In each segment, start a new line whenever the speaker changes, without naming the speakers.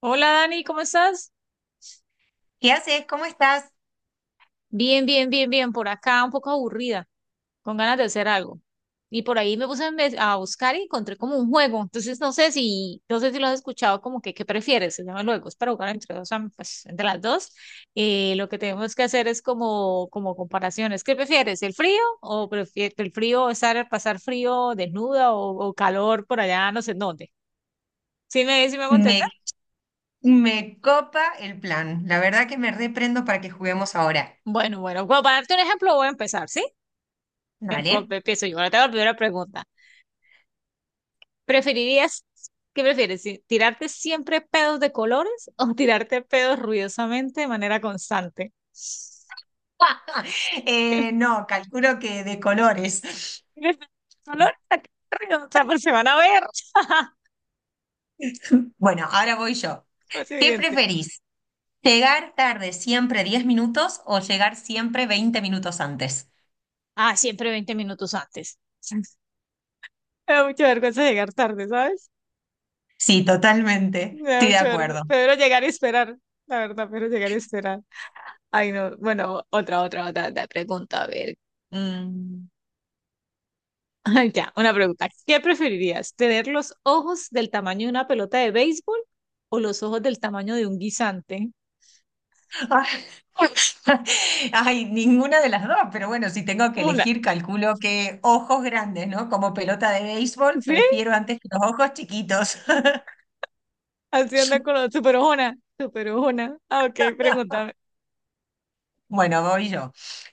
Hola Dani, ¿cómo estás?
¿Qué haces? ¿Cómo estás?
Bien, bien, bien, bien. Por acá un poco aburrida, con ganas de hacer algo. Y por ahí me puse a buscar y encontré como un juego. Entonces no sé si lo has escuchado, como que ¿qué prefieres? Se llama el juego. Es para jugar entre dos, pues, entre las dos. Lo que tenemos que hacer es como, comparaciones. ¿Qué prefieres? ¿El frío? ¿O prefieres el frío estar, pasar frío desnuda o calor por allá, no sé en dónde? ¿Sí me hago entender?
Me, me copa el plan. La verdad que me reprendo para que juguemos ahora.
Bueno, bueno, bueno, para darte un ejemplo voy a empezar, ¿sí?
Vale.
Empiezo yo. Ahora te hago la primera pregunta. ¿Preferirías, qué prefieres? ¿Tirarte siempre pedos de colores o tirarte pedos ruidosamente de manera constante?
No, calculo que de colores.
Colores, ¿a qué ruido? O sea, pues se van a ver.
Bueno, ahora voy yo.
Lo
¿Qué
siguiente.
preferís? ¿Llegar tarde siempre 10 minutos o llegar siempre 20 minutos antes?
Ah, siempre 20 minutos antes. Me da mucha vergüenza llegar tarde, ¿sabes?
Sí, totalmente.
Me da
Estoy de
mucha vergüenza.
acuerdo.
Prefiero llegar y esperar. La verdad, prefiero llegar y esperar. Ay, no. Bueno, otra pregunta. A ver. Mm. Ya, una pregunta. ¿Qué preferirías? ¿Tener los ojos del tamaño de una pelota de béisbol o los ojos del tamaño de un guisante?
Ay, ninguna de las dos, pero bueno, si tengo que
Una.
elegir, calculo que ojos grandes, ¿no? Como pelota de béisbol,
¿Sí?
prefiero antes que los ojos chiquitos.
Así anda con los super ojona. Super ojona. Ah, ok, pregúntame.
Bueno, voy yo.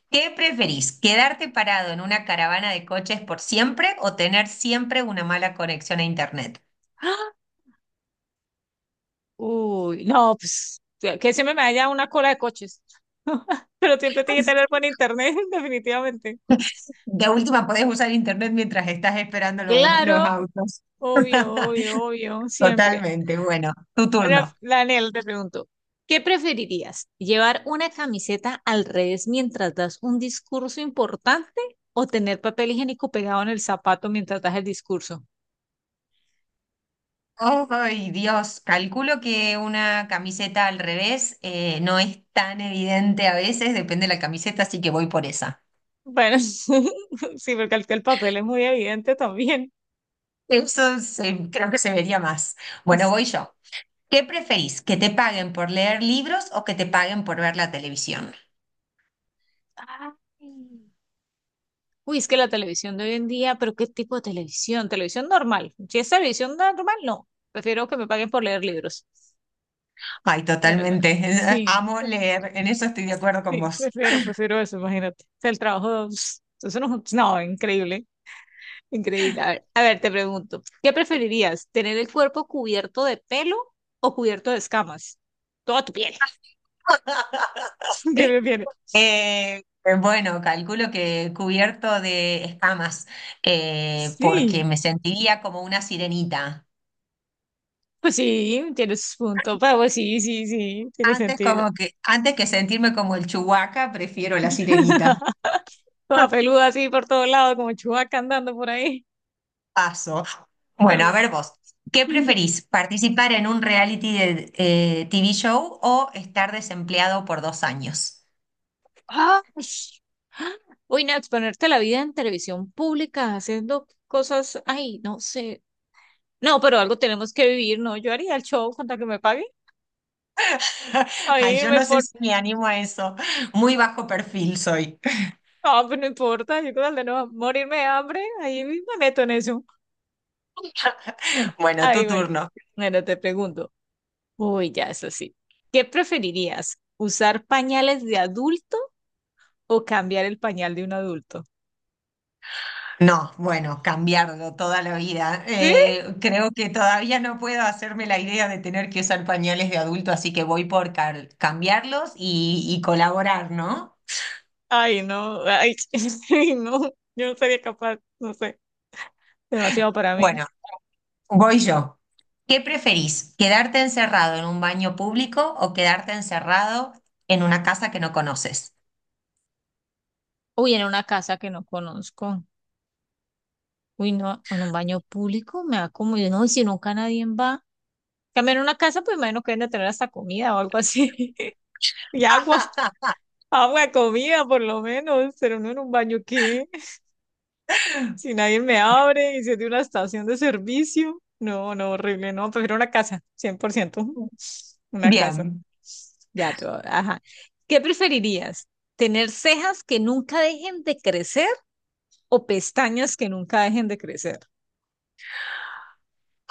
¿Qué preferís? ¿Quedarte parado en una caravana de coches por siempre o tener siempre una mala conexión a internet?
¡Ah! Uy, no, pues que siempre me haya una cola de coches. Pero siempre tiene que tener buen internet, definitivamente.
De última, podés usar internet mientras estás esperando los
Claro,
autos.
obvio, obvio, obvio, siempre.
Totalmente, bueno, tu
Ahora,
turno.
Daniel, te pregunto, ¿qué preferirías? ¿Llevar una camiseta al revés mientras das un discurso importante o tener papel higiénico pegado en el zapato mientras das el discurso?
Oh, ay, Dios, calculo que una camiseta al revés, no es tan evidente a veces, depende de la camiseta, así que voy por esa.
Bueno, sí, porque el papel es muy evidente también.
Creo que se vería más. Bueno,
Sí.
voy yo. ¿Qué preferís? ¿Que te paguen por leer libros o que te paguen por ver la televisión?
Ay. Uy, es que la televisión de hoy en día, pero ¿qué tipo de televisión? Televisión normal. Si es televisión normal, no. Prefiero que me paguen por leer libros.
Ay,
La verdad.
totalmente.
Sí.
Amo leer, en eso estoy de acuerdo con
Sí,
vos.
prefiero eso, imagínate. O sea, el trabajo, pss, eso no, no, increíble, increíble. A ver, te pregunto, ¿qué preferirías? ¿Tener el cuerpo cubierto de pelo o cubierto de escamas? Toda tu piel. ¿Qué prefieres?
Eh, bueno, calculo que cubierto de escamas, porque
Sí,
me sentiría como una sirenita.
pues sí, tienes punto, pero pues sí, sí, sí, tiene
Antes
sentido.
como que, antes que sentirme como el Chewbacca, prefiero la sirenita.
Toda peluda así por todos lados, como chubaca andando por ahí.
Paso.
No,
Bueno,
no.
a ver vos, ¿qué preferís? ¿Participar en un reality de, TV show o estar desempleado por 2 años?
¡Ah! Uy, no, exponerte a la vida en televisión pública haciendo cosas, ay, no sé. No, pero algo tenemos que vivir, ¿no? Yo haría el show con tal que me paguen. A
Ay, yo
irme
no sé
por...
si me animo a eso. Muy bajo perfil soy.
Ah, pues no importa, yo con tal de no morirme de hambre, ahí me meto en eso. Ah,
Bueno,
ahí,
tu
bueno.
turno.
Bueno, te pregunto. Uy, ya es así. ¿Qué preferirías? ¿Usar pañales de adulto o cambiar el pañal de un adulto?
No, bueno, cambiarlo toda la vida.
¿Sí?
Creo que todavía no puedo hacerme la idea de tener que usar pañales de adulto, así que voy por cambiarlos y colaborar, ¿no?
Ay, no, ay, no, yo no sería capaz, no sé. Demasiado para mí.
Bueno, voy yo. ¿Qué preferís? ¿Quedarte encerrado en un baño público o quedarte encerrado en una casa que no conoces?
Uy, en una casa que no conozco. Uy, no, en un baño público me da como, yo no, y si nunca nadie va. También en una casa, pues imagino que deben de tener hasta comida o algo así. Y agua, agua, comida, por lo menos. Pero no en un baño, ¿qué? Si nadie me abre y si es de una estación de servicio. No, no, horrible, no. Prefiero una casa, 100%. Una casa.
Bien.
Ya, todo, ajá. ¿Qué preferirías? ¿Tener cejas que nunca dejen de crecer o pestañas que nunca dejen de crecer?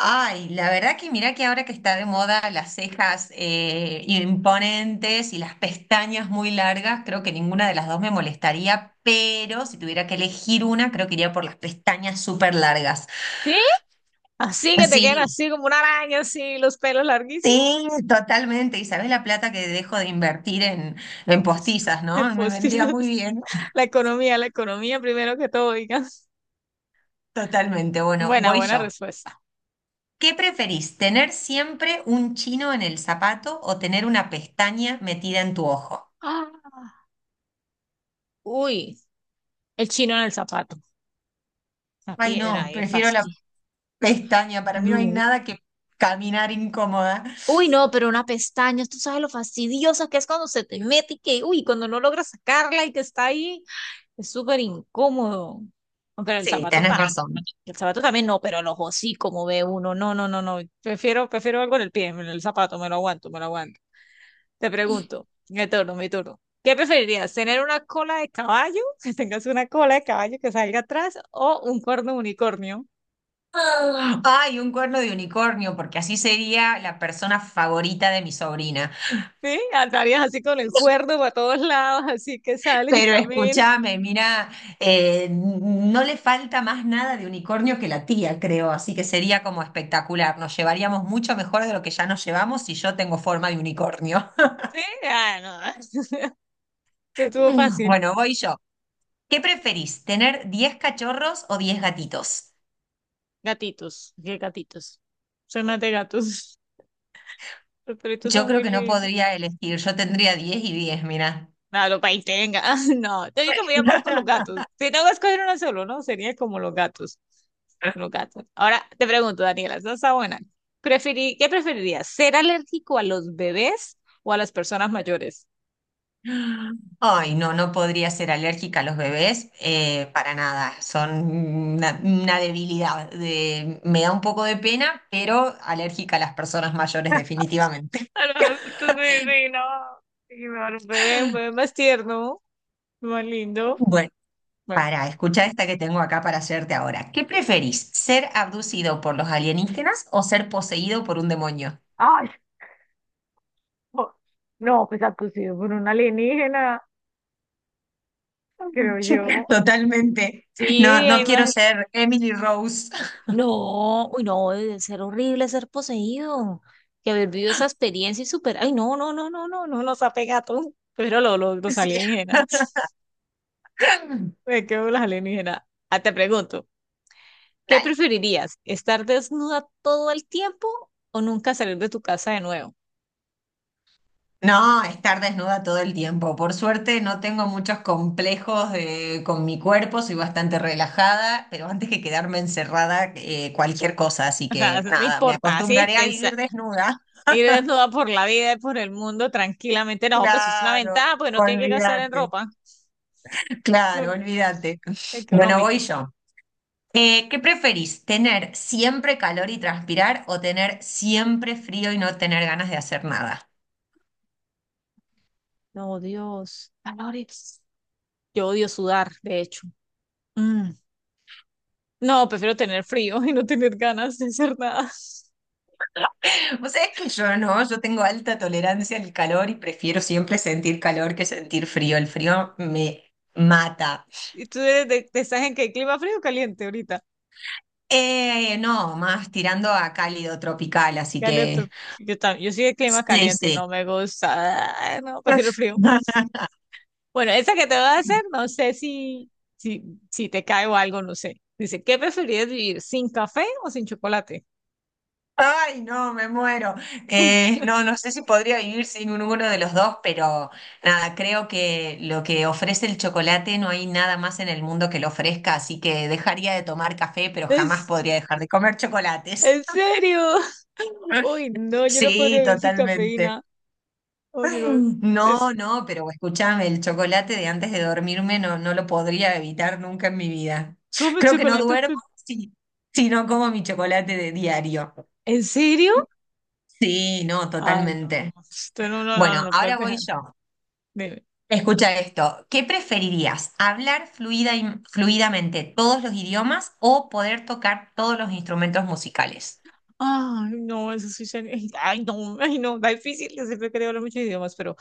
Ay, la verdad que mirá que ahora que está de moda las cejas, imponentes y las pestañas muy largas, creo que ninguna de las dos me molestaría, pero si tuviera que elegir una, creo que iría por las pestañas súper largas.
¿Sí? Así que te quedan
Sí,
así como una araña, así los pelos larguísimos.
sí, totalmente. Y sabés la plata que dejo de invertir en postizas, ¿no? Me vendría muy
Postizos.
bien.
La economía primero que todo, digan.
Totalmente. Bueno,
Buena,
voy
buena
yo.
respuesta.
¿Qué preferís, tener siempre un chino en el zapato o tener una pestaña metida en tu ojo?
Ah, uy, el chino en el zapato. La
Ay,
piedra
no,
ahí, el
prefiero la
fastidio.
pestaña, para mí no hay
No.
nada que caminar incómoda.
Uy, no, pero una pestaña, tú sabes lo fastidiosa que es cuando se te mete y que, uy, cuando no logras sacarla y que está ahí, es súper incómodo. No, pero el
Sí,
zapato
tenés
tan,
razón.
el zapato también no, pero los hocicos, como ve uno. No, no, no, no. Prefiero algo en el pie, en el zapato, me lo aguanto, me lo aguanto. Te pregunto, mi turno, mi turno. ¿Qué preferirías? ¿Tener una cola de caballo? Que tengas una cola de caballo que salga atrás o un cuerno de unicornio.
Ay, un cuerno de unicornio, porque así sería la persona favorita de mi sobrina.
¿Sí? Andarías así con el cuerno para todos lados, así que sales y
Pero
caminas.
escúchame, mira, no le falta más nada de unicornio que la tía, creo, así que sería como espectacular. Nos llevaríamos mucho mejor de lo que ya nos llevamos si yo tengo forma de unicornio.
Sí, ah, no. Te estuvo fácil.
Bueno, voy yo. ¿Qué preferís, tener 10 cachorros o 10 gatitos?
Gatitos, qué gatitos. Son más de gatos. Los perritos
Yo
son
creo
muy
que no
lindos.
podría elegir, yo tendría 10 y 10. Mira.
Claro, para ahí tenga. No, tengo que mirar por los gatos. Si tengo que escoger uno solo, ¿no? Sería como los gatos. Los gatos. Ahora te pregunto, Daniela, esta está buena. ¿Qué preferirías? ¿Ser alérgico a los bebés o a las personas mayores?
Ay, no, no podría ser alérgica a los bebés, para nada, son una debilidad. Me da un poco de pena, pero alérgica a las personas mayores definitivamente.
A los adultos, sí, sí, no. Sí, no, a los bebés, un bebé más tierno, más lindo.
Bueno,
Bueno,
para, escuchar esta que tengo acá para hacerte ahora. ¿Qué preferís, ser abducido por los alienígenas o ser poseído por un demonio?
ay, no, no, pues abducido por un alienígena, creo yo.
Totalmente.
Sí,
No, no
hay
quiero
más.
ser Emily Rose.
No, uy, no, debe ser horrible ser poseído. Que haber vivido esa experiencia y superar. Ay, no, no, no, no, no, no nos ha pegado. Pero los alienígenas.
Sí.
Me quedo con los alienígenas. Ah, te pregunto, ¿qué
Dale.
preferirías? ¿Estar desnuda todo el tiempo o nunca salir de tu casa de nuevo?
No, estar desnuda todo el tiempo. Por suerte no tengo muchos complejos, con mi cuerpo, soy bastante relajada, pero antes que quedarme encerrada, cualquier cosa, así
O sea,
que
no
nada, me
importa, así
acostumbraré a vivir desnuda.
ir desnuda por la vida y por el mundo tranquilamente. No, pues es una
Claro,
ventaja, pues no tiene que gastar en
olvídate,
ropa. No,
claro, olvídate. Bueno, voy
económico.
yo. ¿Qué preferís? ¿Tener siempre calor y transpirar o tener siempre frío y no tener ganas de hacer nada?
No, Dios. Valores. Yo odio sudar, de hecho. Mm. No, prefiero tener frío y no tener ganas de hacer nada.
Vos sabés que yo no, yo tengo alta tolerancia al calor y prefiero siempre sentir calor que sentir frío. El frío me mata.
¿Y tú eres estás en qué clima frío o caliente ahorita?
No, más tirando a cálido tropical, así
Caliente.
que
Yo también, yo soy de clima
sí,
caliente y
sí.
no me gusta. Ay, no, prefiero el frío. Bueno, esa que te voy a hacer, no sé si, si, si, te cae o algo, no sé. Dice, ¿qué preferirías vivir sin café o sin chocolate?
Ay, no, me muero. No, no sé si podría vivir sin uno de los dos, pero nada, creo que lo que ofrece el chocolate no hay nada más en el mundo que lo ofrezca, así que dejaría de tomar café, pero jamás
¿Es,
podría dejar de comer chocolates.
en serio? Uy, no, yo no podría
Sí,
vivir sin
totalmente.
cafeína. Oye, no. Es,
No, no, pero escúchame, el chocolate de antes de dormirme no, no lo podría evitar nunca en mi vida.
¿Comes
Creo que no
chocolate?
duermo si, no como mi chocolate de diario.
¿En serio?
Sí, no,
Ah, no.
totalmente.
Esto no, no, no, no
Bueno,
lo puedes
ahora voy
dejar.
yo.
Dime.
Escucha esto. ¿Qué preferirías? ¿Hablar fluidamente todos los idiomas o poder tocar todos los instrumentos musicales?
Ay, no, eso sí sería. Ay, no, está difícil. Yo siempre quería hablar muchos idiomas, pero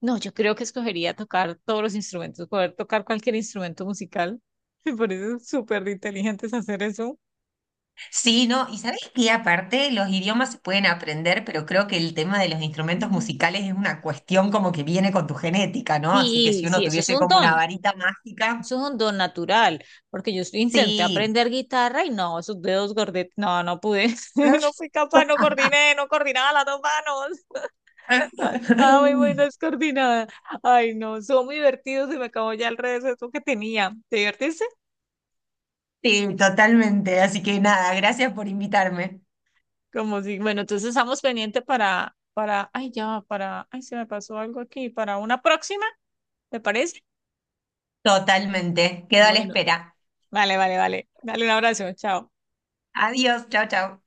no, yo creo que escogería tocar todos los instrumentos, poder tocar cualquier instrumento musical. Me parece súper inteligentes hacer eso.
Sí, no, y sabés que aparte los idiomas se pueden aprender, pero creo que el tema de los instrumentos
Mm.
musicales es una cuestión como que viene con tu genética, ¿no? Así que
Sí,
si
sí,
uno
eso es
tuviese
un
como una
don.
varita mágica,
Eso es un don natural, porque yo sí intenté
sí.
aprender guitarra y no, esos dedos gordetes, no, no pude, no fui capaz, no coordiné, no coordinaba las dos manos. Muy, muy descoordinada. Ay, no, son muy divertidos, se me acabó ya el receso que tenía. ¿Te divertiste?
Sí, totalmente. Así que nada, gracias por invitarme.
Como si, bueno, entonces estamos pendientes para, ay, ya, va, para, ay, se me pasó algo aquí, para una próxima, ¿te parece?
Totalmente. Quedo a la
Bueno,
espera.
vale, vale, vale. Dale un abrazo, chao.
Adiós, chao, chao.